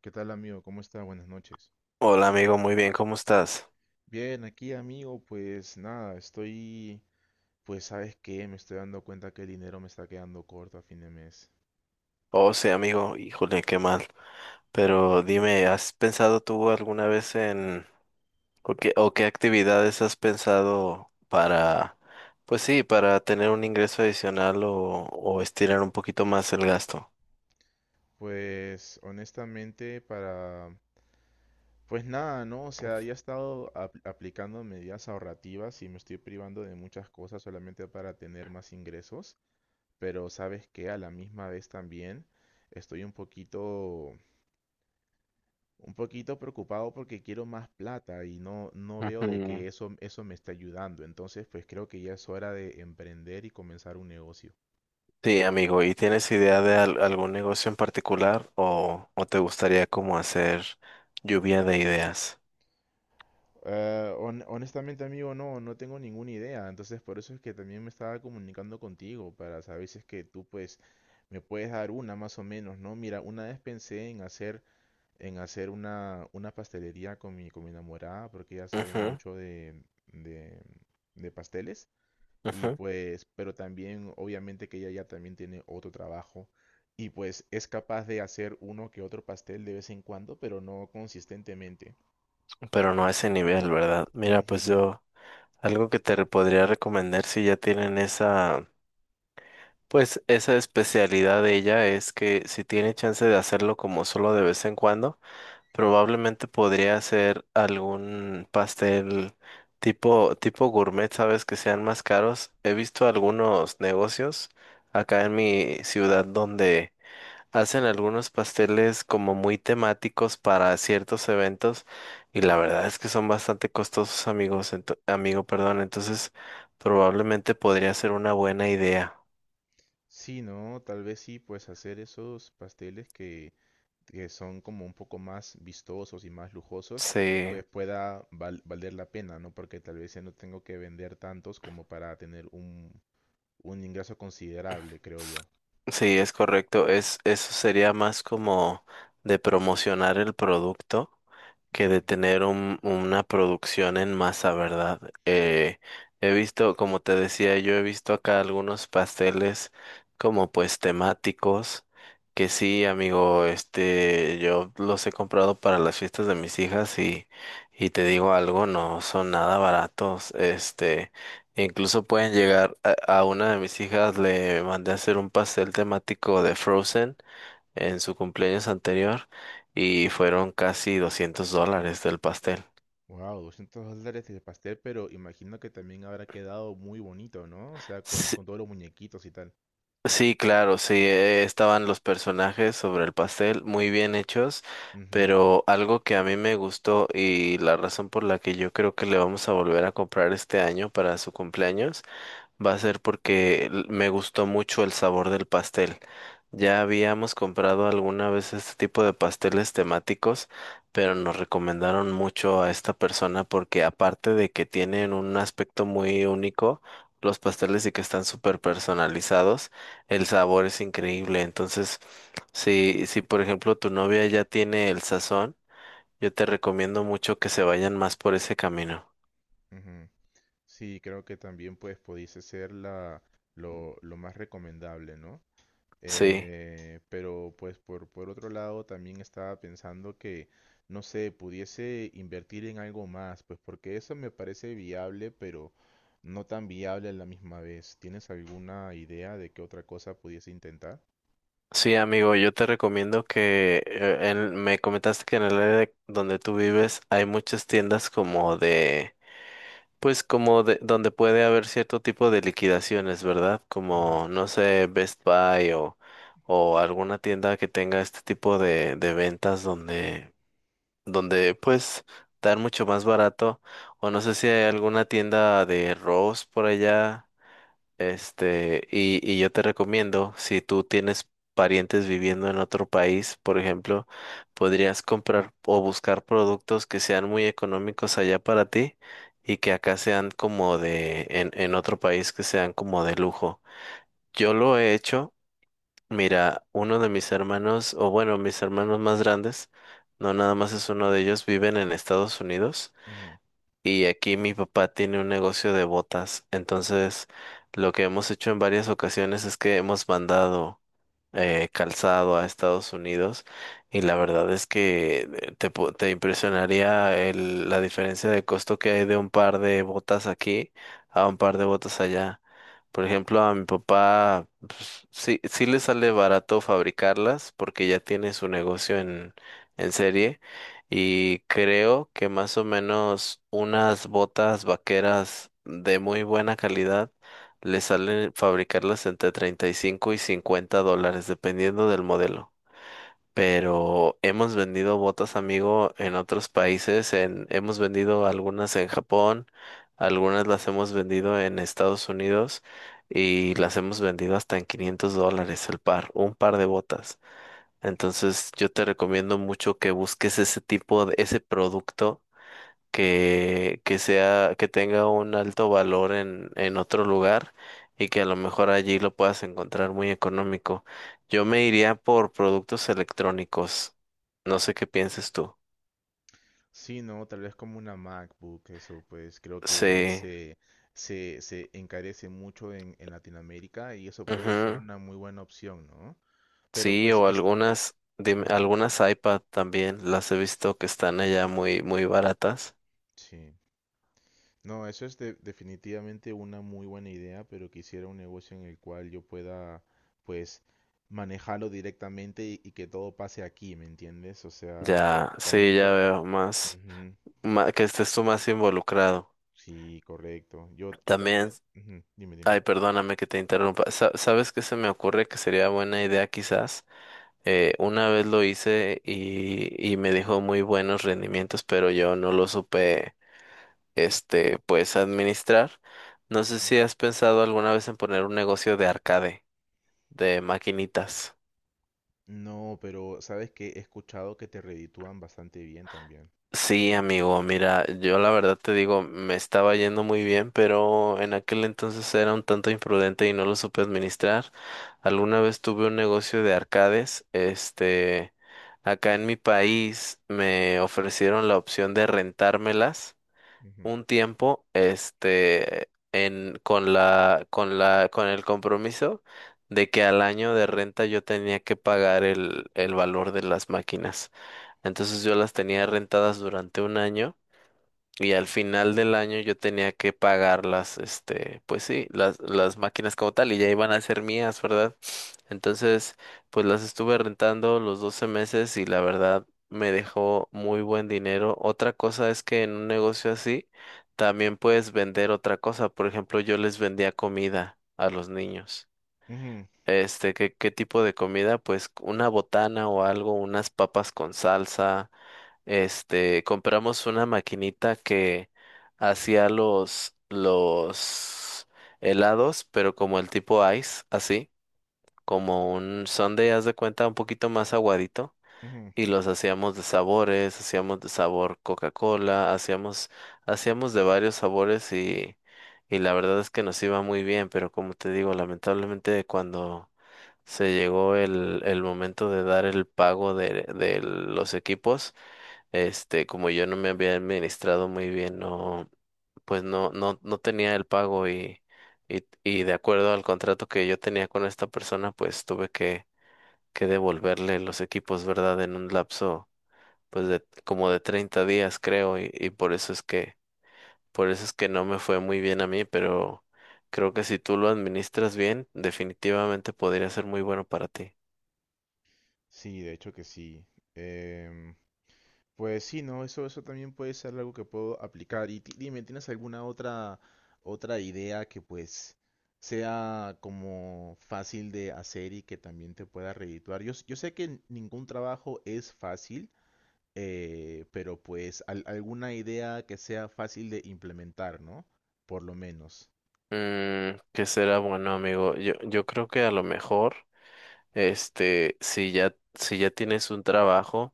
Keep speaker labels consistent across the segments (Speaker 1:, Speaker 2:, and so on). Speaker 1: ¿Qué tal, amigo? ¿Cómo está? Buenas noches.
Speaker 2: Hola amigo, muy bien, ¿cómo estás?
Speaker 1: Bien, aquí, amigo, pues nada, estoy, pues sabes qué, me estoy dando cuenta que el dinero me está quedando corto a fin de mes.
Speaker 2: Oh, sí, amigo, híjole, qué mal. Pero dime, ¿has pensado tú alguna vez en o qué actividades has pensado para, pues sí, para tener un ingreso adicional o estirar un poquito más el gasto?
Speaker 1: Pues honestamente, para, pues nada, ¿no? O sea, ya he estado aplicando medidas ahorrativas y me estoy privando de muchas cosas solamente para tener más ingresos, pero sabes qué, a la misma vez también estoy un poquito un poquito preocupado porque quiero más plata y no veo de
Speaker 2: Ujú.
Speaker 1: que eso me está ayudando. Entonces, pues creo que ya es hora de emprender y comenzar un negocio.
Speaker 2: Sí, amigo, ¿y tienes idea de algún negocio en particular o te gustaría como hacer lluvia de ideas?
Speaker 1: Honestamente, amigo, no tengo ninguna idea. Entonces, por eso es que también me estaba comunicando contigo para saber si es que tú, pues, me puedes dar una más o menos, ¿no? Mira, una vez pensé en hacer una pastelería con con mi enamorada porque ella sabe
Speaker 2: Ujú,
Speaker 1: mucho de de pasteles. Y
Speaker 2: ujú.
Speaker 1: pues, pero también obviamente que ella ya también tiene otro trabajo y pues es capaz de hacer uno que otro pastel de vez en cuando, pero no consistentemente.
Speaker 2: Pero no a ese nivel, ¿verdad? Mira, pues
Speaker 1: Ujú.
Speaker 2: yo... Algo que te podría recomendar si ya tienen pues esa especialidad de ella es que si tiene chance de hacerlo como solo de vez en cuando, probablemente podría hacer algún pastel tipo gourmet, sabes, que sean más caros. He visto algunos negocios acá en mi ciudad donde hacen algunos pasteles como muy temáticos para ciertos eventos y la verdad es que son bastante costosos, amigo, perdón, entonces probablemente podría ser una buena idea.
Speaker 1: Sí, ¿no? Tal vez sí, pues hacer esos pasteles que son como un poco más vistosos y más lujosos,
Speaker 2: Sí,
Speaker 1: pues pueda valer la pena, ¿no? Porque tal vez ya no tengo que vender tantos como para tener un ingreso considerable, creo yo.
Speaker 2: sí, es correcto. Eso sería más como de promocionar el producto, que
Speaker 1: Mm.
Speaker 2: de tener una producción en masa, ¿verdad? He visto, como te decía, yo he visto acá algunos pasteles como pues temáticos, que sí, amigo, yo los he comprado para las fiestas de mis hijas y te digo algo, no son nada baratos. Incluso pueden llegar a una de mis hijas, le mandé a hacer un pastel temático de Frozen en su cumpleaños anterior y fueron casi $200 del pastel.
Speaker 1: Wow, $200 el pastel, pero imagino que también habrá quedado muy bonito, ¿no? O sea,
Speaker 2: Sí,
Speaker 1: con todos los muñequitos y tal.
Speaker 2: sí, claro, sí. Estaban los personajes sobre el pastel muy bien hechos,
Speaker 1: Ujú,
Speaker 2: pero algo que a mí me gustó y la razón por la que yo creo que le vamos a volver a comprar este año para su cumpleaños va a ser porque me gustó mucho el sabor del pastel. Ya habíamos comprado alguna vez este tipo de pasteles temáticos, pero nos recomendaron mucho a esta persona porque aparte de que tienen un aspecto muy único los pasteles y que están súper personalizados, el sabor es increíble. Entonces, si por ejemplo tu novia ya tiene el sazón, yo te recomiendo mucho que se vayan más por ese camino.
Speaker 1: ujú. Sí, creo que también pues pudiese ser la, lo más recomendable, ¿no?
Speaker 2: Sí.
Speaker 1: Pero pues por otro lado también estaba pensando que, no sé, pudiese invertir en algo más, pues porque eso me parece viable, pero no tan viable a la misma vez. ¿Tienes alguna idea de qué otra cosa pudiese intentar?
Speaker 2: Sí, amigo, yo te recomiendo que me comentaste que en el área donde tú vives hay muchas tiendas pues como de donde puede haber cierto tipo de liquidaciones, ¿verdad?
Speaker 1: Ujú,
Speaker 2: Como, no sé, Best Buy o alguna tienda que tenga este tipo de ventas donde pues dar mucho más barato. O no sé si hay alguna tienda de Rose por allá. Y yo te recomiendo, si tú tienes parientes viviendo en otro país, por ejemplo, podrías comprar o buscar productos que sean muy económicos allá para ti y que acá sean como en otro país que sean como de lujo. Yo lo he hecho. Mira, uno de mis hermanos, o bueno, mis hermanos más grandes, no nada más es uno de ellos, viven en Estados Unidos.
Speaker 1: ujú.
Speaker 2: Y aquí mi papá tiene un negocio de botas. Entonces, lo que hemos hecho en varias ocasiones es que hemos mandado calzado a Estados Unidos y la verdad es que te impresionaría la diferencia de costo que hay de un par de botas aquí a un par de botas allá. Por ejemplo, a mi papá pues, sí, sí le sale barato fabricarlas porque ya tiene su negocio en serie y creo que más o menos unas botas vaqueras de muy buena calidad le sale fabricarlas entre $35 y $50, dependiendo del modelo. Pero hemos vendido botas, amigo, en otros países. En, hemos vendido algunas en Japón, algunas las hemos vendido en Estados Unidos y las hemos vendido hasta en $500 el par, un par de botas. Entonces, yo te recomiendo mucho que busques ese tipo de ese producto que sea, que tenga un alto valor en otro lugar y que a lo mejor allí lo puedas encontrar muy económico. Yo me iría por productos electrónicos. No sé qué pienses tú.
Speaker 1: Sí, no, tal vez como una MacBook, eso pues creo que
Speaker 2: Sí,
Speaker 1: se encarece mucho en Latinoamérica y eso puede ser
Speaker 2: ujú.
Speaker 1: una muy buena opción, ¿no? Pero
Speaker 2: Sí,
Speaker 1: pues
Speaker 2: o
Speaker 1: es...
Speaker 2: algunas, dime-
Speaker 1: Ujú.
Speaker 2: algunas iPad también las he visto que están allá muy, muy baratas.
Speaker 1: Sí, no, eso es definitivamente una muy buena idea, pero quisiera un negocio en el cual yo pueda pues manejarlo directamente y que todo pase aquí, ¿me entiendes? O sea,
Speaker 2: Ya,
Speaker 1: también...
Speaker 2: sí, ya
Speaker 1: ta-
Speaker 2: veo más,
Speaker 1: Ujú.
Speaker 2: que estés tú más involucrado.
Speaker 1: Sí, correcto. Yo
Speaker 2: También...
Speaker 1: también... ujú. Dime,
Speaker 2: Ay, perdóname que te interrumpa. ¿Sabes qué se me ocurre que sería buena idea quizás? Una vez lo hice y me dejó muy buenos rendimientos, pero yo no lo supe, pues administrar. No sé
Speaker 1: dime.
Speaker 2: si has pensado alguna vez en poner un negocio de arcade, de maquinitas.
Speaker 1: No, pero sabes que he escuchado que te reditúan bastante bien también.
Speaker 2: Sí, amigo, mira, yo la verdad te digo, me estaba yendo muy bien, pero en aquel entonces era un tanto imprudente y no lo supe administrar. Alguna vez tuve un negocio de arcades. Acá en mi país me ofrecieron la opción de rentármelas
Speaker 1: Ujú,
Speaker 2: un tiempo, este, en, con la, con la, con el compromiso de que al año de renta yo tenía que pagar el valor de las máquinas. Entonces yo las tenía rentadas durante un año y al final del año yo tenía que pagar las, pues sí, las máquinas como tal, y ya iban a ser mías, ¿verdad? Entonces, pues las estuve rentando los 12 meses y la verdad me dejó muy buen dinero. Otra cosa es que en un negocio así también puedes vender otra cosa. Por ejemplo, yo les vendía comida a los niños.
Speaker 1: ujú,
Speaker 2: ¿Qué tipo de comida? Pues una botana o algo, unas papas con salsa. Compramos una maquinita que hacía los helados, pero como el tipo ice, así, como un sundae, haz de cuenta, un poquito más aguadito.
Speaker 1: ujú.
Speaker 2: Y los hacíamos de sabores, hacíamos de sabor Coca-Cola, hacíamos de varios sabores, y la verdad es que nos iba muy bien, pero como te digo, lamentablemente cuando se llegó el momento de dar el pago de los equipos, como yo no me había administrado muy bien, pues no tenía el pago, y de acuerdo al contrato que yo tenía con esta persona, pues tuve que devolverle los equipos, ¿verdad? En un lapso, pues de como de 30 días, creo, y por eso es que no me fue muy bien a mí, pero creo que si tú lo administras bien, definitivamente podría ser muy bueno para ti.
Speaker 1: Sí, de hecho que sí. Em, pues sí, no, eso también puede ser algo que puedo aplicar. Y dime, ¿tienes alguna otra, otra idea que pues sea como fácil de hacer y que también te pueda redituar? Yo, yo sé que ningún trabajo es fácil, pero pues alguna idea que sea fácil de implementar, ¿no? Por lo menos.
Speaker 2: ¿Qué será bueno, amigo? Yo creo que a lo mejor. Si ya tienes un trabajo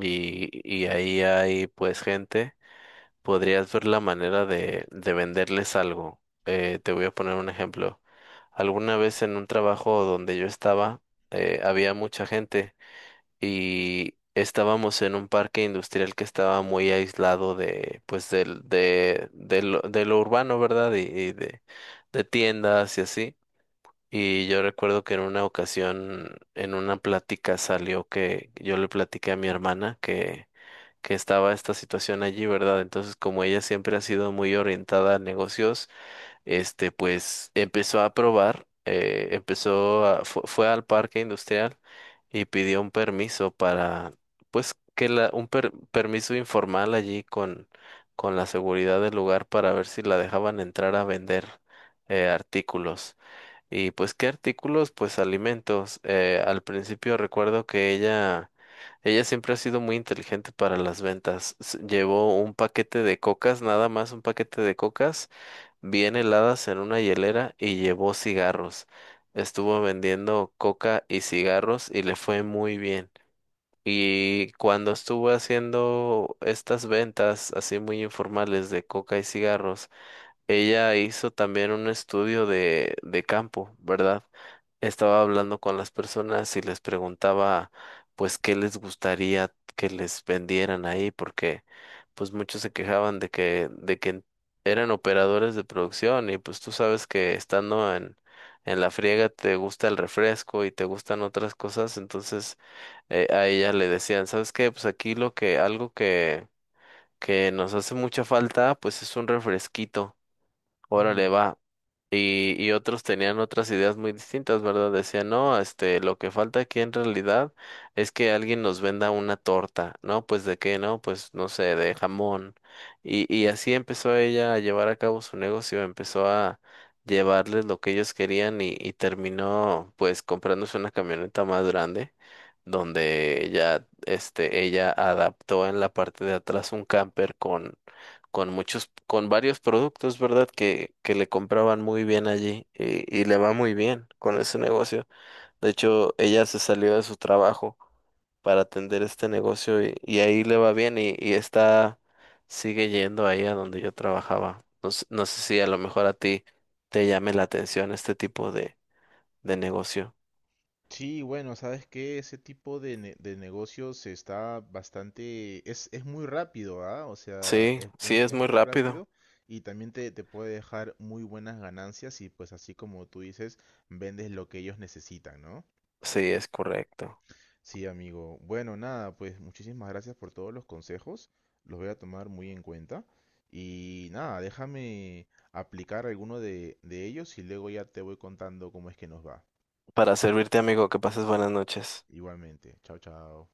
Speaker 2: y ahí hay pues gente, podrías ver la manera de venderles algo. Te voy a poner un ejemplo. Alguna vez en un trabajo donde yo estaba, había mucha gente y estábamos en un parque industrial que estaba muy aislado pues, del, de lo urbano, ¿verdad? Y de tiendas y así. Y yo recuerdo que en una ocasión, en una plática salió que yo le platiqué a mi hermana que estaba esta situación allí, ¿verdad? Entonces, como ella siempre ha sido muy orientada a negocios, pues empezó a probar, fue al parque industrial y pidió un permiso para, pues, un permiso informal allí con la seguridad del lugar para ver si la dejaban entrar a vender artículos. Y pues, ¿qué artículos? Pues alimentos. Al principio recuerdo que ella siempre ha sido muy inteligente para las ventas. Llevó un paquete de cocas, nada más un paquete de cocas bien heladas en una hielera y llevó cigarros. Estuvo vendiendo coca y cigarros y le fue muy bien. Y cuando estuvo haciendo estas ventas así muy informales de coca y cigarros, ella hizo también un estudio de campo, ¿verdad? Estaba hablando con las personas y les preguntaba pues qué les gustaría que les vendieran ahí porque pues muchos se quejaban de que eran operadores de producción y pues tú sabes que estando en la friega te gusta el refresco y te gustan otras cosas, entonces a ella le decían, ¿sabes qué? Pues aquí lo que algo que nos hace mucha falta pues es un refresquito. Órale, va. Y otros tenían otras ideas muy distintas, ¿verdad? Decían, no, lo que falta aquí en realidad es que alguien nos venda una torta, ¿no? Pues de qué, ¿no? Pues no sé, de jamón. Y y así empezó ella a llevar a cabo su negocio, empezó a llevarles lo que ellos querían y terminó pues comprándose una camioneta más grande, donde ya, ella adaptó en la parte de atrás un camper con muchos, con varios productos, ¿verdad? Que le compraban muy bien allí y le va muy bien con ese negocio. De hecho, ella se salió de su trabajo para atender este negocio y ahí le va bien y sigue yendo ahí a donde yo trabajaba. No, no sé si a lo mejor a ti te llame la atención este tipo de negocio.
Speaker 1: Sí, bueno, sabes que ese tipo de, de negocios está bastante, es, muy rápido, ¿ah? O sea,
Speaker 2: Sí,
Speaker 1: es,
Speaker 2: sí, es
Speaker 1: es
Speaker 2: muy
Speaker 1: muy
Speaker 2: rápido.
Speaker 1: rápido y también te puede dejar muy buenas ganancias y pues así como tú dices, vendes lo que ellos necesitan, ¿no?
Speaker 2: Sí, es correcto.
Speaker 1: Sí, amigo. Bueno, nada, pues muchísimas gracias por todos los consejos, los voy a tomar muy en cuenta y nada, déjame aplicar alguno de ellos y luego ya te voy contando cómo es que nos va.
Speaker 2: Para servirte, amigo, que pases buenas noches.
Speaker 1: Igualmente, chao, chao.